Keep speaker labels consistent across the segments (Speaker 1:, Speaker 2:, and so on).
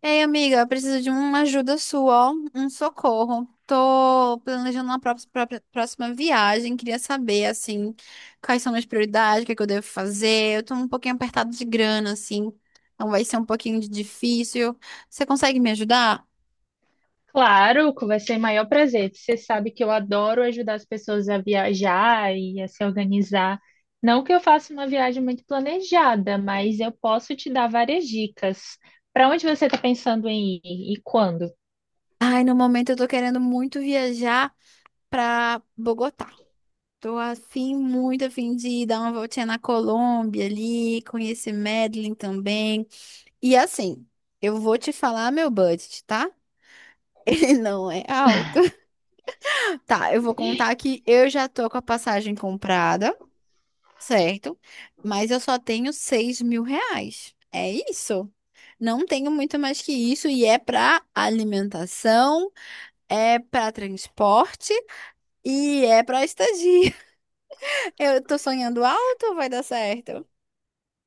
Speaker 1: Ei, amiga, eu preciso de uma ajuda sua, ó, um socorro. Tô planejando uma próxima viagem, queria saber, assim, quais são minhas prioridades, o que é que eu devo fazer. Eu tô um pouquinho apertado de grana, assim, então vai ser um pouquinho de difícil. Você consegue me ajudar?
Speaker 2: Claro, vai ser o maior prazer. Você sabe que eu adoro ajudar as pessoas a viajar e a se organizar. Não que eu faça uma viagem muito planejada, mas eu posso te dar várias dicas. Para onde você está pensando em ir e quando?
Speaker 1: Ai, no momento eu tô querendo muito viajar pra Bogotá. Tô afim, muito afim de dar uma voltinha na Colômbia ali, conhecer Medellín também. E assim, eu vou te falar meu budget, tá? Ele não é alto. Tá, eu vou contar que eu já tô com a passagem comprada, certo? Mas eu só tenho R$ 6.000. É isso. Não tenho muito mais que isso. E é pra alimentação, é pra transporte e é pra estadia. Eu tô sonhando alto, vai dar certo.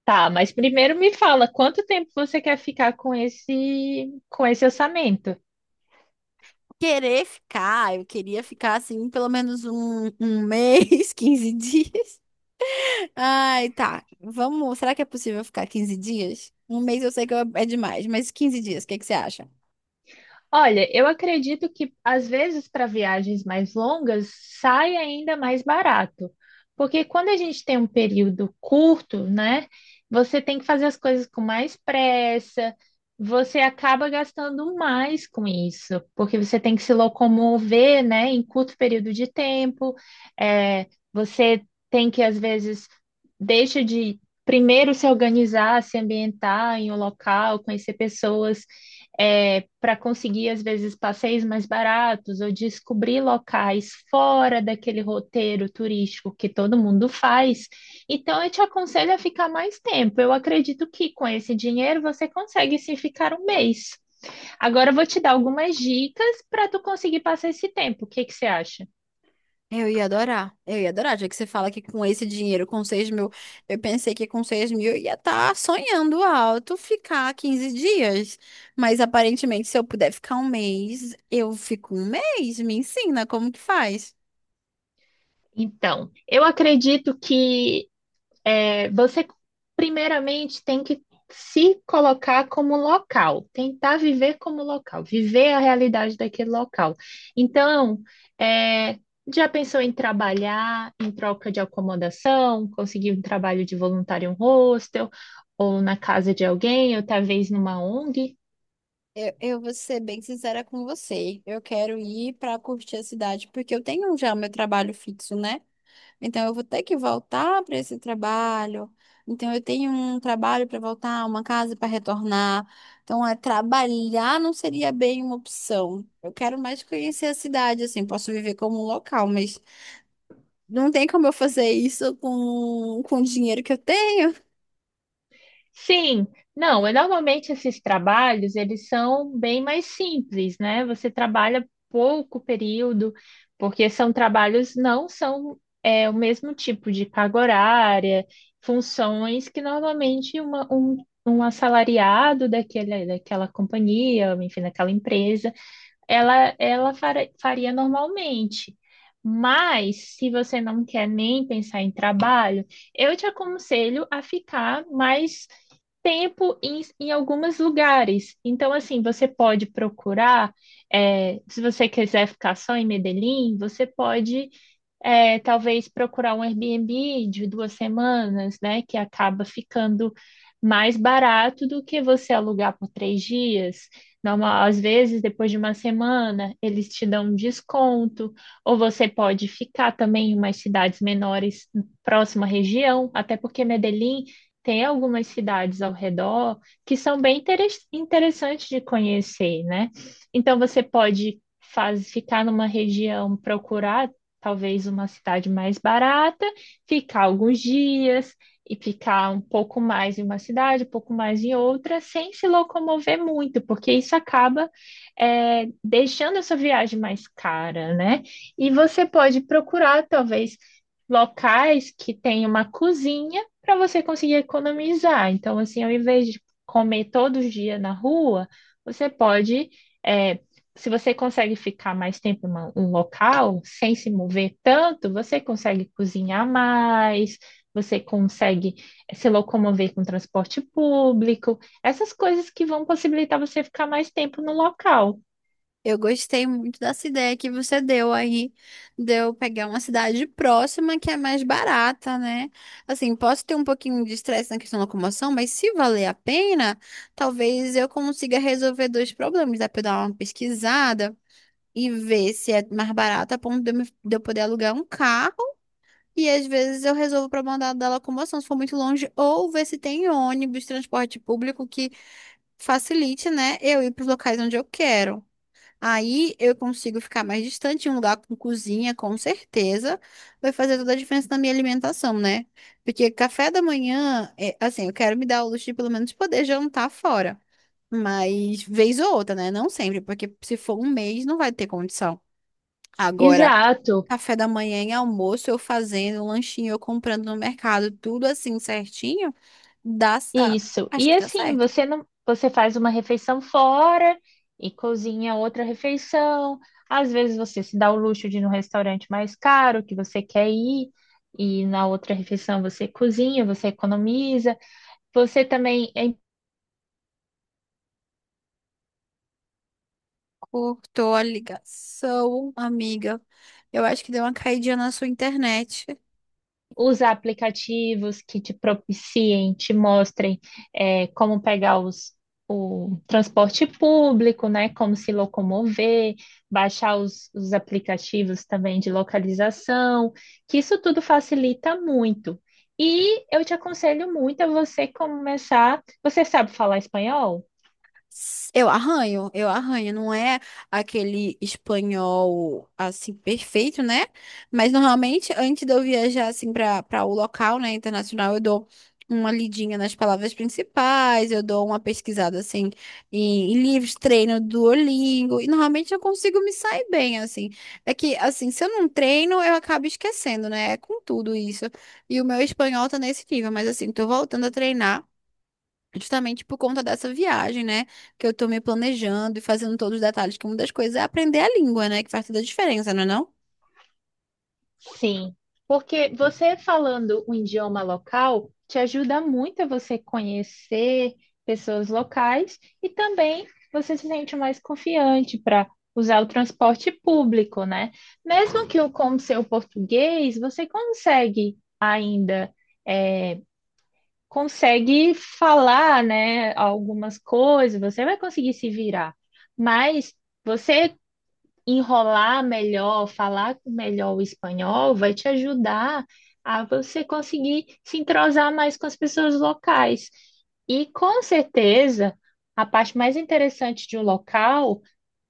Speaker 2: Tá, mas primeiro me fala, quanto tempo você quer ficar com esse orçamento?
Speaker 1: Querer ficar, eu queria ficar assim pelo menos um mês, 15 dias. Ai, tá. Vamos. Será que é possível ficar 15 dias? Um mês eu sei que é demais, mas 15 dias, o que que você acha?
Speaker 2: Olha, eu acredito que às vezes para viagens mais longas sai ainda mais barato, porque quando a gente tem um período curto, né, você tem que fazer as coisas com mais pressa, você acaba gastando mais com isso, porque você tem que se locomover, né, em curto período de tempo, é, você tem que às vezes deixa de primeiro se organizar, se ambientar em um local, conhecer pessoas é, para conseguir, às vezes, passeios mais baratos ou descobrir locais fora daquele roteiro turístico que todo mundo faz. Então, eu te aconselho a ficar mais tempo. Eu acredito que com esse dinheiro você consegue sim ficar um mês. Agora eu vou te dar algumas dicas para tu conseguir passar esse tempo. O que que você acha?
Speaker 1: Eu ia adorar. Eu ia adorar, já que você fala que com esse dinheiro, com 6.000, eu pensei que com 6.000 eu ia estar sonhando alto ficar 15 dias. Mas aparentemente, se eu puder ficar um mês, eu fico um mês. Me ensina como que faz.
Speaker 2: Então, eu acredito que é, você primeiramente tem que se colocar como local, tentar viver como local, viver a realidade daquele local. Então, é, já pensou em trabalhar em troca de acomodação, conseguir um trabalho de voluntário em um hostel, ou na casa de alguém, ou talvez numa ONG?
Speaker 1: Eu vou ser bem sincera com você. Eu quero ir para curtir a cidade, porque eu tenho já o meu trabalho fixo, né? Então eu vou ter que voltar para esse trabalho. Então eu tenho um trabalho para voltar, uma casa para retornar. Então é trabalhar não seria bem uma opção. Eu quero mais conhecer a cidade, assim, posso viver como um local, mas não tem como eu fazer isso com o dinheiro que eu tenho.
Speaker 2: Sim, não, é, normalmente esses trabalhos, eles são bem mais simples, né? Você trabalha pouco período, porque são trabalhos, não são é, o mesmo tipo de carga horária, funções que normalmente um assalariado daquele, daquela companhia, enfim, daquela empresa, ela faria normalmente. Mas, se você não quer nem pensar em trabalho, eu te aconselho a ficar mais tempo em alguns lugares. Então, assim, você pode procurar, se você quiser ficar só em Medellín, você pode é, talvez procurar um Airbnb de duas semanas, né? Que acaba ficando mais barato do que você alugar por três dias. Normal, às vezes, depois de uma semana, eles te dão um desconto, ou você pode ficar também em umas cidades menores próxima à região, até porque Medellín tem algumas cidades ao redor que são bem interessantes de conhecer, né? Então, você pode ficar numa região, procurar talvez uma cidade mais barata, ficar alguns dias e ficar um pouco mais em uma cidade, um pouco mais em outra, sem se locomover muito, porque isso acaba é, deixando essa viagem mais cara, né? E você pode procurar, talvez, locais que tenham uma cozinha para você conseguir economizar. Então, assim, ao invés de comer todo dia na rua, você pode é, se você consegue ficar mais tempo em um local sem se mover tanto, você consegue cozinhar mais, você consegue se locomover com transporte público, essas coisas que vão possibilitar você ficar mais tempo no local.
Speaker 1: Eu gostei muito dessa ideia que você deu aí, de eu pegar uma cidade próxima que é mais barata, né? Assim, posso ter um pouquinho de estresse na questão da locomoção, mas se valer a pena, talvez eu consiga resolver dois problemas. Dá pra eu dar uma pesquisada e ver se é mais barato a ponto de de eu poder alugar um carro. E às vezes eu resolvo o problema da locomoção, se for muito longe, ou ver se tem ônibus, transporte público que facilite, né, eu ir para os locais onde eu quero. Aí eu consigo ficar mais distante em um lugar com cozinha, com certeza, vai fazer toda a diferença na minha alimentação, né? Porque café da manhã, assim, eu quero me dar o luxo de pelo menos poder jantar fora. Mas vez ou outra, né? Não sempre, porque se for um mês não vai ter condição. Agora,
Speaker 2: Exato,
Speaker 1: café da manhã e almoço, eu fazendo um lanchinho, eu comprando no mercado, tudo assim certinho, dá, ah,
Speaker 2: isso.
Speaker 1: acho
Speaker 2: E
Speaker 1: que dá
Speaker 2: assim,
Speaker 1: certo.
Speaker 2: você não, você faz uma refeição fora e cozinha outra refeição. Às vezes você se dá o luxo de ir num restaurante mais caro que você quer ir e na outra refeição você cozinha, você economiza. Você também é
Speaker 1: Cortou a ligação, amiga. Eu acho que deu uma caidinha na sua internet.
Speaker 2: usar aplicativos que te propiciem, te mostrem é, como pegar o transporte público, né? Como se locomover, baixar os aplicativos também de localização, que isso tudo facilita muito. E eu te aconselho muito a você começar. Você sabe falar espanhol?
Speaker 1: Eu arranho, eu arranho. Não é aquele espanhol assim perfeito, né? Mas normalmente, antes de eu viajar assim para o local, né, internacional, eu dou uma lidinha nas palavras principais, eu dou uma pesquisada assim em livros, treino Duolingo, e normalmente eu consigo me sair bem assim. É que assim, se eu não treino, eu acabo esquecendo, né? É com tudo isso. E o meu espanhol tá nesse nível, mas assim, tô voltando a treinar. Justamente por conta dessa viagem, né? Que eu tô me planejando e fazendo todos os detalhes, que uma das coisas é aprender a língua, né? Que faz toda a diferença, não é não?
Speaker 2: Sim, porque você falando um idioma local te ajuda muito a você conhecer pessoas locais e também você se sente mais confiante para usar o transporte público, né? Mesmo que o com seu português, você consegue ainda é, consegue falar, né, algumas coisas, você vai conseguir se virar, mas você enrolar melhor, falar melhor o espanhol, vai te ajudar a você conseguir se entrosar mais com as pessoas locais. E com certeza, a parte mais interessante de um local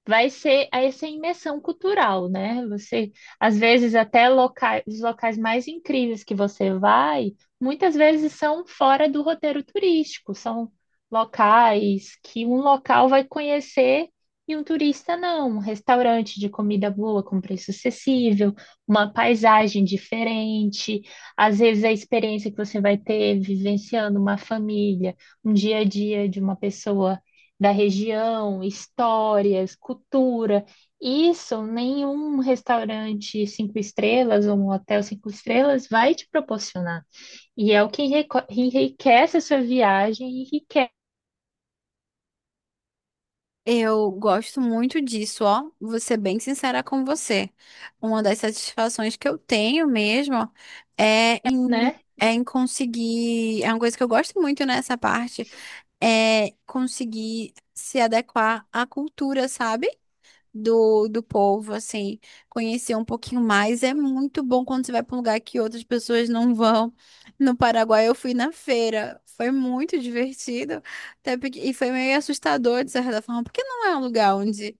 Speaker 2: vai ser essa imersão cultural, né? Você, às vezes, até locais, os locais mais incríveis que você vai, muitas vezes são fora do roteiro turístico, são locais que um local vai conhecer e um turista não. Um restaurante de comida boa, com preço acessível, uma paisagem diferente, às vezes a experiência que você vai ter vivenciando uma família, um dia a dia de uma pessoa da região, histórias, cultura. Isso nenhum restaurante cinco estrelas ou um hotel cinco estrelas vai te proporcionar. E é o que enriquece a sua viagem, enriquece,
Speaker 1: Eu gosto muito disso, ó. Vou ser bem sincera com você. Uma das satisfações que eu tenho mesmo é em,
Speaker 2: né?
Speaker 1: é em conseguir. É uma coisa que eu gosto muito nessa parte, é conseguir se adequar à cultura, sabe? do povo, assim, conhecer um pouquinho mais. É muito bom quando você vai para um lugar que outras pessoas não vão. No Paraguai eu fui na feira, foi muito divertido, até porque, e foi meio assustador de certa forma, porque não é um lugar onde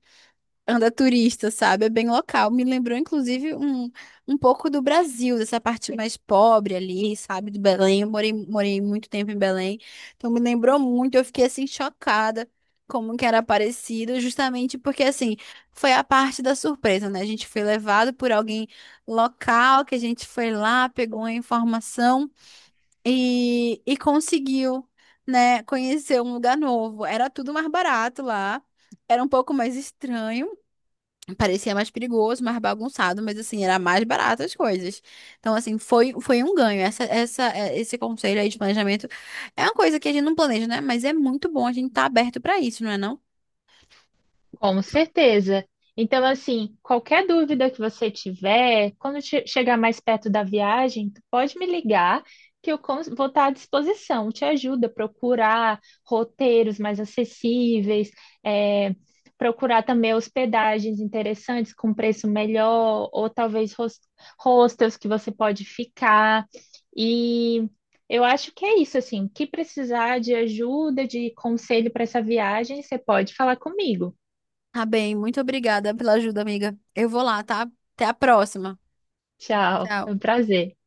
Speaker 1: anda turista, sabe? É bem local. Me lembrou, inclusive, um pouco do Brasil, dessa parte mais pobre ali, sabe? Do Belém. Eu morei muito tempo em Belém. Então, me lembrou muito. Eu fiquei, assim, chocada como que era parecido, justamente porque, assim, foi a parte da surpresa, né? A gente foi levado por alguém local, que a gente foi lá, pegou a informação e conseguiu, né, conhecer um lugar novo. Era tudo mais barato lá. Era um pouco mais estranho, parecia mais perigoso, mais bagunçado, mas assim, era mais barato as coisas. Então, assim, foi, foi um ganho. Esse conselho aí de planejamento é uma coisa que a gente não planeja, né? Mas é muito bom a gente estar aberto para isso, não é não?
Speaker 2: Com certeza. Então, assim, qualquer dúvida que você tiver, quando chegar mais perto da viagem, tu pode me ligar que vou estar à disposição. Te ajuda a procurar roteiros mais acessíveis, é, procurar também hospedagens interessantes com preço melhor, ou talvez hostels que você pode ficar. E eu acho que é isso, assim, que precisar de ajuda, de conselho para essa viagem, você pode falar comigo.
Speaker 1: Tá bem, muito obrigada pela ajuda, amiga. Eu vou lá, tá? Até a próxima.
Speaker 2: Tchau, é
Speaker 1: Tchau.
Speaker 2: um prazer.